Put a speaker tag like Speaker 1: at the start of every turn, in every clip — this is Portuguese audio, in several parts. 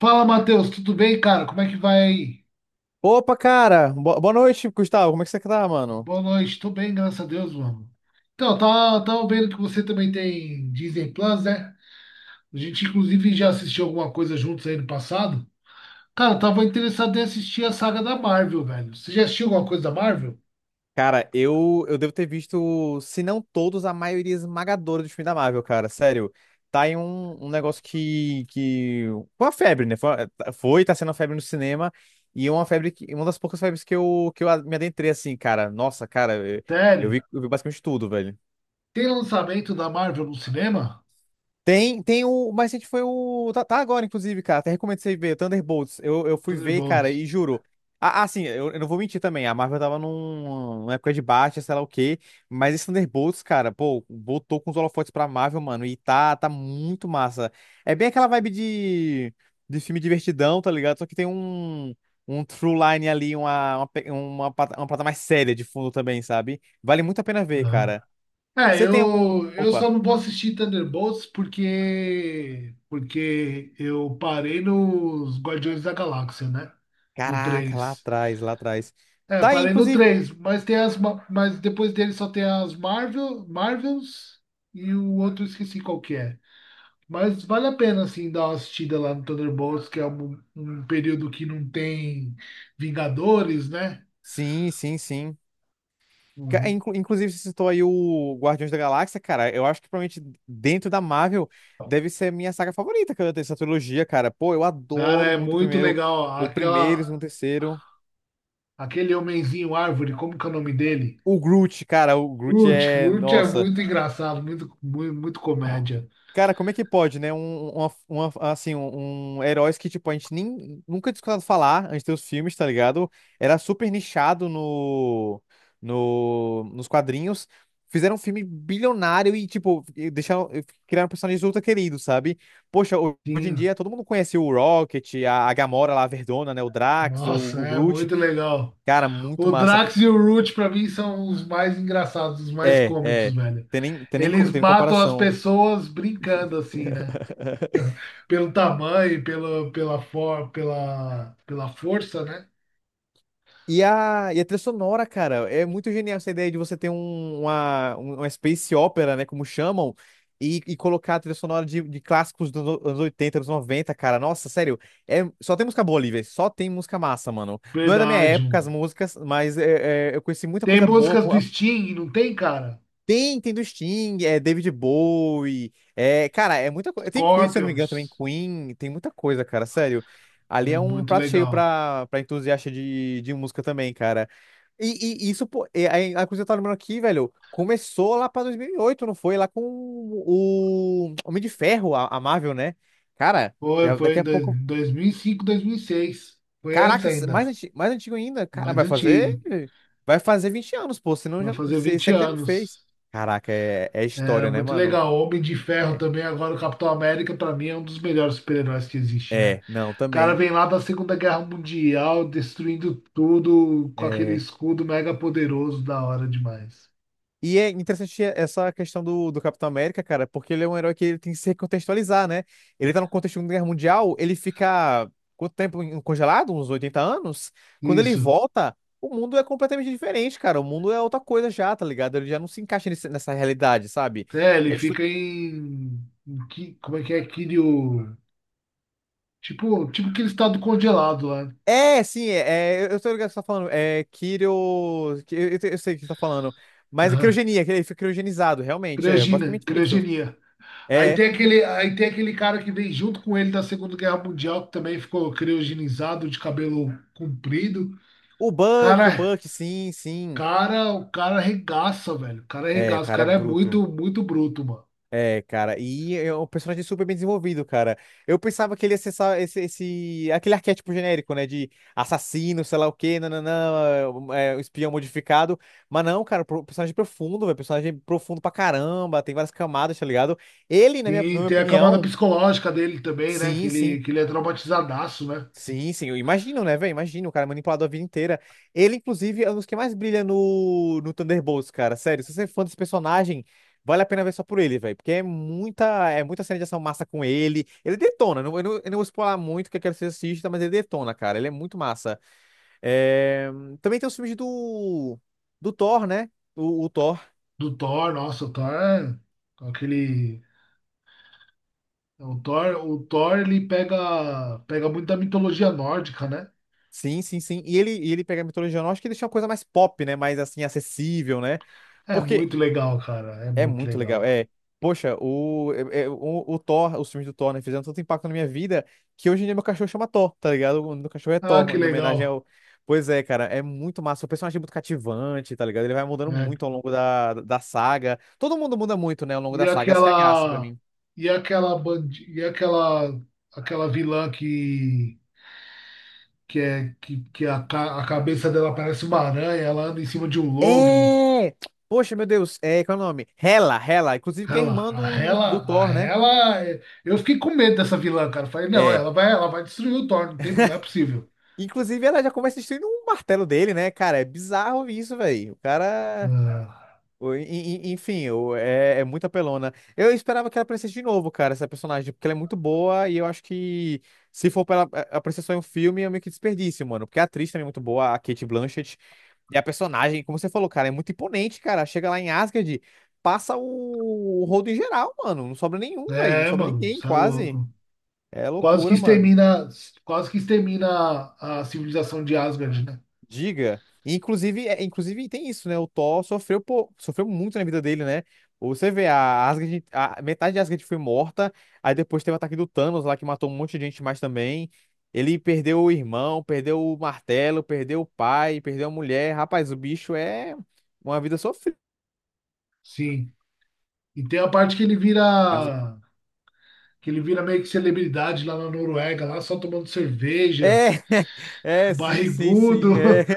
Speaker 1: Fala, Matheus, tudo bem, cara? Como é que vai aí?
Speaker 2: Opa, cara! Boa noite, Gustavo. Como é que você tá, mano?
Speaker 1: Boa noite, tô bem, graças a Deus, mano. Então, tá, tava vendo que você também tem Disney Plus, né? A gente, inclusive, já assistiu alguma coisa juntos aí no passado. Cara, eu tava interessado em assistir a saga da Marvel, velho. Você já assistiu alguma coisa da Marvel?
Speaker 2: Cara, eu devo ter visto, se não todos, a maioria esmagadora dos filmes da Marvel, cara. Sério. Tá em um negócio que. Foi uma febre, né? Foi, tá sendo uma febre no cinema. E uma febre que. Uma das poucas febres que eu me adentrei assim, cara. Nossa, cara, eu, eu
Speaker 1: Sério?
Speaker 2: vi, eu vi basicamente tudo, velho.
Speaker 1: Tem lançamento da Marvel no cinema?
Speaker 2: Tem o. O mais recente foi o. Tá, tá agora, inclusive, cara. Até recomendo você ver, Thunderbolts. Eu fui ver, cara,
Speaker 1: Thunderbolts.
Speaker 2: e juro. Ah, assim, eu não vou mentir também. A Marvel tava numa época de baixa, sei lá o quê. Mas esse Thunderbolts, cara, pô, botou com os holofotes pra Marvel, mano. E tá muito massa. É bem aquela vibe de filme divertidão, tá ligado? Só que tem um true line ali, uma, pe- uma, pata- uma parada mais séria de fundo também, sabe? Vale muito a pena ver, cara.
Speaker 1: É,
Speaker 2: Você tem algum.
Speaker 1: eu
Speaker 2: Opa.
Speaker 1: só não vou assistir Thunderbolts porque eu parei nos Guardiões da Galáxia, né? No
Speaker 2: Caraca,
Speaker 1: 3.
Speaker 2: lá atrás.
Speaker 1: É,
Speaker 2: Tá aí,
Speaker 1: parei no
Speaker 2: inclusive.
Speaker 1: 3. Mas tem mas depois dele só tem as Marvels e o outro eu esqueci qual que é. Mas vale a pena, assim, dar uma assistida lá no Thunderbolts, que é um período que não tem Vingadores, né?
Speaker 2: Sim, sim, sim.
Speaker 1: Uhum.
Speaker 2: Inclusive, você citou aí o Guardiões da Galáxia, cara. Eu acho que provavelmente dentro da Marvel deve ser a minha saga favorita, cara, dessa trilogia, cara. Pô, eu
Speaker 1: Cara,
Speaker 2: adoro
Speaker 1: é
Speaker 2: muito o
Speaker 1: muito
Speaker 2: primeiro,
Speaker 1: legal.
Speaker 2: o primeiro, o segundo, o
Speaker 1: Aquela,
Speaker 2: terceiro.
Speaker 1: Aquele homenzinho árvore, como que é o nome dele?
Speaker 2: O Groot, cara, o Groot
Speaker 1: Lute,
Speaker 2: é.
Speaker 1: Lute é
Speaker 2: Nossa.
Speaker 1: muito engraçado, muito, muito, muito comédia.
Speaker 2: Cara, como é que pode, né? Um, uma, Um heróis que, tipo, a gente nem, nunca tinha escutado falar antes dos filmes, tá ligado? Era super nichado no, no, nos quadrinhos. Fizeram um filme bilionário e, tipo, e criaram personagens ultra queridos, sabe? Poxa, hoje em
Speaker 1: Sim,
Speaker 2: dia todo mundo conhece o Rocket, a Gamora lá, a Verdona, né? O Drax,
Speaker 1: nossa,
Speaker 2: o
Speaker 1: é
Speaker 2: Groot.
Speaker 1: muito legal.
Speaker 2: Cara, muito
Speaker 1: O
Speaker 2: massa.
Speaker 1: Drax e o Root, pra mim, são os mais engraçados, os mais
Speaker 2: É,
Speaker 1: cômicos,
Speaker 2: é.
Speaker 1: velho.
Speaker 2: Tem nem, co-
Speaker 1: Eles
Speaker 2: Tem
Speaker 1: matam as
Speaker 2: comparação.
Speaker 1: pessoas brincando, assim, né? Pelo tamanho, pelo, pela, for, pela, pela força, né?
Speaker 2: E a trilha sonora, cara, é muito genial essa ideia de você ter uma space opera, né, como chamam, e colocar a trilha sonora de clássicos dos anos 80 anos noventa, cara. Nossa, sério, é, só tem música boa ali, velho, só tem música massa, mano. Não é da minha
Speaker 1: Verdade,
Speaker 2: época as
Speaker 1: mano.
Speaker 2: músicas, mas eu conheci muita
Speaker 1: Tem
Speaker 2: coisa boa.
Speaker 1: músicas do Sting, não tem, cara?
Speaker 2: Tem do Sting, é David Bowie, é, cara, é muita coisa. Tem Queen, se eu não me engano, também
Speaker 1: Scorpions.
Speaker 2: Queen, tem muita coisa, cara, sério. Ali é
Speaker 1: É
Speaker 2: um
Speaker 1: muito
Speaker 2: prato cheio
Speaker 1: legal.
Speaker 2: pra entusiasta de música também, cara. E isso, pô, é, aí, a coisa que eu tava lembrando aqui, velho, começou lá pra 2008, não foi? Lá com o Homem de Ferro, a Marvel, né? Cara,
Speaker 1: Foi,
Speaker 2: já,
Speaker 1: foi
Speaker 2: daqui
Speaker 1: em
Speaker 2: a pouco.
Speaker 1: 2005, 2006. Foi antes
Speaker 2: Caraca,
Speaker 1: ainda,
Speaker 2: mais antigo ainda. Cara,
Speaker 1: mais
Speaker 2: vai fazer.
Speaker 1: antigo.
Speaker 2: Vai fazer 20 anos, pô. Senão
Speaker 1: Vai
Speaker 2: já,
Speaker 1: fazer
Speaker 2: esse
Speaker 1: 20
Speaker 2: aqui já não fez.
Speaker 1: anos.
Speaker 2: Caraca, é, é
Speaker 1: Era
Speaker 2: história, né,
Speaker 1: muito
Speaker 2: mano?
Speaker 1: legal. Homem de Ferro
Speaker 2: É.
Speaker 1: também, agora o Capitão América, pra mim, é um dos melhores super-heróis que existe, né?
Speaker 2: É, não,
Speaker 1: O cara
Speaker 2: também.
Speaker 1: vem lá da Segunda Guerra Mundial, destruindo tudo com aquele
Speaker 2: É.
Speaker 1: escudo mega poderoso, da hora demais.
Speaker 2: E é interessante essa questão do Capitão América, cara, porque ele é um herói que ele tem que se recontextualizar, né? Ele tá no contexto de uma Guerra Mundial, ele fica quanto tempo congelado? Uns 80 anos? Quando ele
Speaker 1: Isso.
Speaker 2: volta, o mundo é completamente diferente, cara. O mundo é outra coisa já, tá ligado? Ele já não se encaixa nessa realidade, sabe?
Speaker 1: É, ele
Speaker 2: E a
Speaker 1: fica em... Como é que é? Kiryu... Tipo, tipo aquele estado congelado lá.
Speaker 2: é, sim, é, é, eu tô ligado o que você tá falando. É Kiro. Eu sei o que você tá falando. Mas é
Speaker 1: Aham.
Speaker 2: criogenia, que ele foi criogenizado, realmente. É
Speaker 1: Criogenia,
Speaker 2: basicamente isso.
Speaker 1: criogenia. Aí
Speaker 2: É.
Speaker 1: tem aquele, aí tem aquele cara que veio junto com ele da Segunda Guerra Mundial, que também ficou criogenizado, de cabelo comprido.
Speaker 2: O
Speaker 1: Cara,
Speaker 2: Buck, sim, sim.
Speaker 1: cara, o cara arregaça, velho. O cara
Speaker 2: É, o
Speaker 1: arregaça. O
Speaker 2: cara é
Speaker 1: cara é
Speaker 2: bruto.
Speaker 1: muito, muito bruto, mano.
Speaker 2: É, cara. E é um personagem super bem desenvolvido, cara. Eu pensava que ele ia ser aquele arquétipo genérico, né? De assassino, sei lá o quê, nananã, um espião modificado. Mas não, cara, personagem é profundo, velho. Personagem profundo pra caramba, tem várias camadas, tá ligado? Ele, na
Speaker 1: Sim,
Speaker 2: minha
Speaker 1: tem a camada
Speaker 2: opinião.
Speaker 1: psicológica dele também, né? Que
Speaker 2: Sim, sim.
Speaker 1: ele, que ele é traumatizadaço, né?
Speaker 2: Sim, sim. Eu imagino, né, velho? Imagino, o cara é manipulado a vida inteira. Ele, inclusive, é um dos que mais brilha no Thunderbolts, cara. Sério, se você é fã desse personagem, vale a pena ver só por ele, velho. Porque é muita cena de ação massa com ele. Ele detona. Eu não vou spoiler muito que eu quero que você assista, mas ele detona, cara. Ele é muito massa. É, também tem os filmes do Thor, né? O Thor.
Speaker 1: Do Thor, nossa, o Thor é aquele. O Thor, ele pega muito da mitologia nórdica, né?
Speaker 2: Sim, sim, sim. E ele pega a mitologia nórdica e deixa uma coisa mais pop, né? Mais, assim, acessível, né?
Speaker 1: É
Speaker 2: Porque
Speaker 1: muito legal, cara. É
Speaker 2: é
Speaker 1: muito
Speaker 2: muito legal.
Speaker 1: legal.
Speaker 2: É, poxa, o, é- é- o Thor, os filmes do Thor, né, fizeram tanto impacto na minha vida que hoje em dia meu cachorro chama Thor, tá ligado? O nome do cachorro é
Speaker 1: Ah, que
Speaker 2: Thor, em homenagem
Speaker 1: legal.
Speaker 2: ao. Pois é, cara, é muito massa. O personagem é muito cativante, tá ligado? Ele vai mudando
Speaker 1: É,
Speaker 2: muito ao longo da saga. Todo mundo muda muito, né, ao longo
Speaker 1: E
Speaker 2: da saga. Essa que é a graça pra
Speaker 1: aquela
Speaker 2: mim.
Speaker 1: e aquela vilã que a cabeça dela parece uma aranha, ela anda em cima de um lobo.
Speaker 2: É! Poxa, meu Deus, é, qual é o nome? Hela, inclusive que é
Speaker 1: Ela,
Speaker 2: irmã
Speaker 1: a
Speaker 2: do
Speaker 1: ela, a
Speaker 2: Thor, né?
Speaker 1: ela, é- eu fiquei com medo dessa vilã, cara. Falei, não,
Speaker 2: É.
Speaker 1: ela vai destruir o Thor, não tem, não é possível.
Speaker 2: Inclusive, ela já começa destruindo um martelo dele, né, cara? É bizarro isso, velho. O cara
Speaker 1: Ah,
Speaker 2: O- e- enfim, é, é muito apelona. Eu esperava que ela aparecesse de novo, cara, essa personagem, porque ela é muito boa e eu acho que se for pra ela aparecer só em um filme é meio que desperdício, mano. Porque a atriz também é muito boa, a Kate Blanchett. E a personagem, como você falou, cara, é muito imponente, cara. Chega lá em Asgard, passa o rodo em geral, mano. Não sobra nenhum, velho. Não
Speaker 1: é,
Speaker 2: sobra
Speaker 1: mano,
Speaker 2: ninguém,
Speaker 1: você é
Speaker 2: quase.
Speaker 1: louco.
Speaker 2: É
Speaker 1: Quase que
Speaker 2: loucura, mano.
Speaker 1: extermina, quase que extermina a civilização de Asgard, né?
Speaker 2: Diga. Inclusive tem isso, né? O Thor sofreu, pô, sofreu muito na vida dele, né? Você vê, a Asgard, a metade de Asgard foi morta, aí depois teve o ataque do Thanos lá, que matou um monte de gente mais também. Ele perdeu o irmão, perdeu o martelo, perdeu o pai, perdeu a mulher. Rapaz, o bicho é uma vida sofrida.
Speaker 1: Sim. E tem a parte que ele vira
Speaker 2: É, um zumbi.
Speaker 1: meio que celebridade lá na Noruega, lá só tomando cerveja,
Speaker 2: É, é, sim, sim, sim. É.
Speaker 1: barrigudo.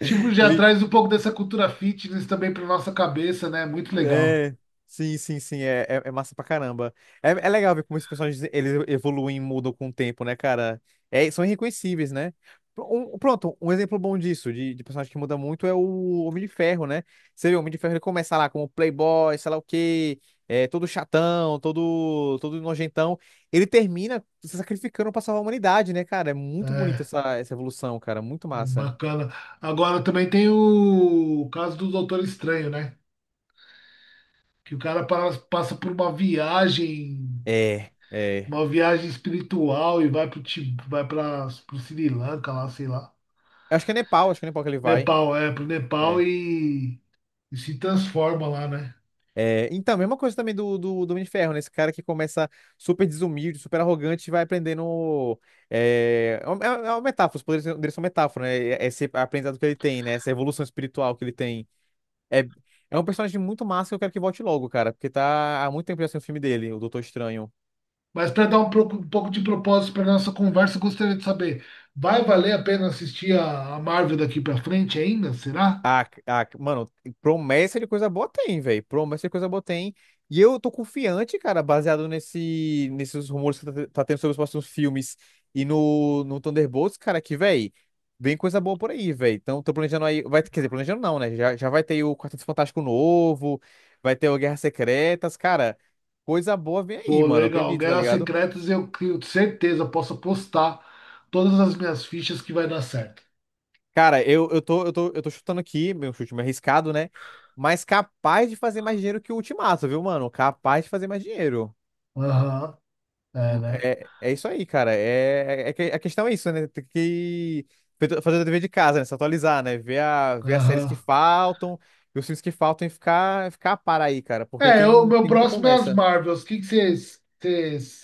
Speaker 1: Tipo, já
Speaker 2: Ele,
Speaker 1: traz um pouco dessa cultura fitness também para nossa cabeça, né? Muito legal.
Speaker 2: é, sim, sim, sim, é massa pra caramba. É, é legal ver como esses personagens eles evoluem e mudam com o tempo, né, cara? É, são irreconhecíveis, né? Um exemplo bom disso, de personagem que muda muito, é o Homem de Ferro, né? Você vê, o Homem de Ferro ele começa lá como playboy, sei lá o quê, é, todo chatão, todo nojentão. Ele termina se sacrificando pra salvar a humanidade, né, cara? É muito bonita
Speaker 1: É,
Speaker 2: essa evolução, cara, muito
Speaker 1: é
Speaker 2: massa.
Speaker 1: bacana. Agora também tem o caso do Doutor Estranho, né? Que o cara passa por
Speaker 2: É, é.
Speaker 1: uma viagem espiritual e vai pro Ti- vai para pro Sri Lanka lá, sei lá.
Speaker 2: Acho que é Nepal que ele vai.
Speaker 1: Nepal, é, pro Nepal
Speaker 2: É.
Speaker 1: e se transforma lá, né?
Speaker 2: É, então, mesma coisa também do Homem de Ferro, né? Esse cara que começa super desumilde, super arrogante, e vai aprendendo. É uma metáfora, os poderes dele são metáfora, né? Esse aprendizado que ele tem, né? Essa evolução espiritual que ele tem. É, é um personagem muito massa que eu quero que volte logo, cara, porque tá há muito tempo já sem o filme dele, o Doutor Estranho.
Speaker 1: Mas para dar um pouco de propósito para nossa conversa, eu gostaria de saber, vai valer a pena assistir a Marvel daqui para frente ainda? Será?
Speaker 2: Mano, promessa de coisa boa tem, velho. Promessa de coisa boa tem. E eu tô confiante, cara, baseado nesses rumores que tá tendo sobre os próximos filmes e no Thunderbolts, cara, que, velho, vem coisa boa por aí, velho. Então, tô planejando aí. Vai, quer dizer, planejando não, né? Já vai ter o Quarteto Fantástico novo, vai ter o Guerras Secretas, cara. Coisa boa vem aí,
Speaker 1: Pô,
Speaker 2: mano. Eu
Speaker 1: legal.
Speaker 2: acredito, tá
Speaker 1: Guerras
Speaker 2: ligado?
Speaker 1: Secretas eu tenho certeza, posso apostar todas as minhas fichas que vai dar certo.
Speaker 2: Cara, eu tô chutando aqui, meu chute meio arriscado, né? Mas capaz de fazer mais dinheiro que o Ultimato, viu, mano? Capaz de fazer mais dinheiro.
Speaker 1: Aham, é, né?
Speaker 2: É, é isso aí, cara. A questão é isso, né? Tem que fazer o dever de casa, né? Se atualizar, né? Ver as séries que
Speaker 1: Aham.
Speaker 2: faltam, ver os filmes que faltam e ficar a par aí, cara. Porque
Speaker 1: É, o meu
Speaker 2: tem muita
Speaker 1: próximo é as
Speaker 2: promessa.
Speaker 1: Marvels. O que vocês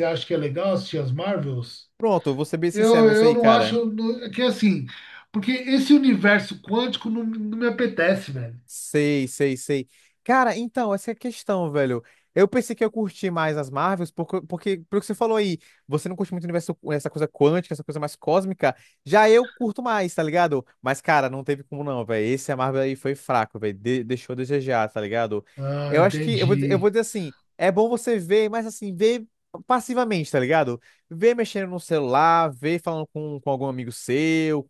Speaker 1: acham que é legal assistir as Marvels?
Speaker 2: Pronto, eu vou ser bem
Speaker 1: Eu,
Speaker 2: sincero nisso
Speaker 1: eu
Speaker 2: aí,
Speaker 1: não
Speaker 2: cara.
Speaker 1: acho é que assim, porque esse universo quântico não me apetece, velho.
Speaker 2: Sei, sei, sei. Cara, então, essa é a questão, velho. Eu pensei que eu curti mais as Marvels, porque pelo que você falou aí, você não curte muito o universo, essa coisa quântica, essa coisa mais cósmica. Já eu curto mais, tá ligado? Mas, cara, não teve como não, velho. Esse a Marvel aí foi fraco, velho. Deixou a desejar, tá ligado?
Speaker 1: Ah,
Speaker 2: Eu acho que, eu
Speaker 1: entendi.
Speaker 2: vou dizer assim, é bom você ver, mas assim, ver passivamente, tá ligado? Ver mexendo no celular, ver falando com algum amigo seu,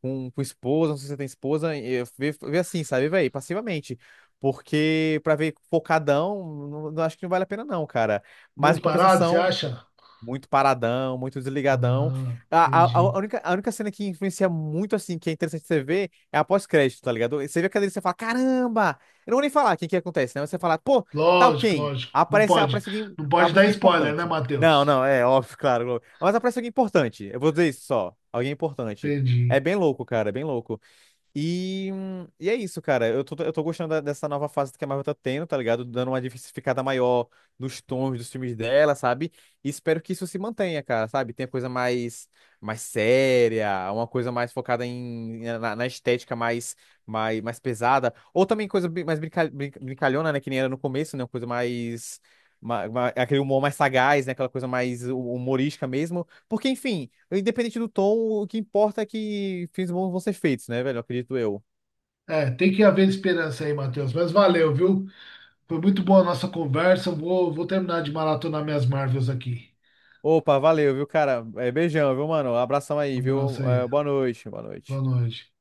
Speaker 2: com esposa, não sei se você tem esposa, e eu vê assim, sabe, velho, passivamente. Porque pra ver focadão, não acho que não vale a pena não, cara. Mas em
Speaker 1: Muito parado, você
Speaker 2: compensação,
Speaker 1: acha?
Speaker 2: muito paradão, muito desligadão.
Speaker 1: Ah, entendi.
Speaker 2: A única cena que influencia muito, assim, que é interessante você ver, é a pós-crédito, tá ligado? Você vê a cadeira e você fala, caramba! Eu não vou nem falar quem que acontece, né? Você fala, pô, tal
Speaker 1: Lógico,
Speaker 2: quem?
Speaker 1: lógico. Não pode, não pode
Speaker 2: Aparece
Speaker 1: dar
Speaker 2: alguém
Speaker 1: spoiler, né,
Speaker 2: importante. Não,
Speaker 1: Matheus?
Speaker 2: não, é óbvio, claro. Mas aparece alguém importante. Eu vou dizer isso só. Alguém importante. É
Speaker 1: Entendi.
Speaker 2: bem louco, cara, é bem louco. E é isso, cara. Eu tô gostando dessa nova fase que a Marvel tá tendo, tá ligado? Dando uma diversificada maior nos tons dos filmes dela, sabe? E espero que isso se mantenha, cara, sabe? Tem coisa mais, mais séria, uma coisa mais focada na estética mais, mais pesada. Ou também coisa brincalhona, né? Que nem era no começo, né? Uma coisa mais. Aquele humor mais sagaz, né? Aquela coisa mais humorística mesmo. Porque, enfim, independente do tom, o que importa é que filmes bons vão ser feitos, né, velho? Acredito eu.
Speaker 1: É, tem que haver esperança aí, Matheus. Mas valeu, viu? Foi muito boa a nossa conversa. Vou terminar de maratonar minhas Marvels aqui.
Speaker 2: Opa, valeu, viu, cara? É, beijão, viu, mano? Abração
Speaker 1: Um
Speaker 2: aí, viu?
Speaker 1: abraço
Speaker 2: É,
Speaker 1: aí.
Speaker 2: boa noite, boa
Speaker 1: Boa
Speaker 2: noite.
Speaker 1: noite.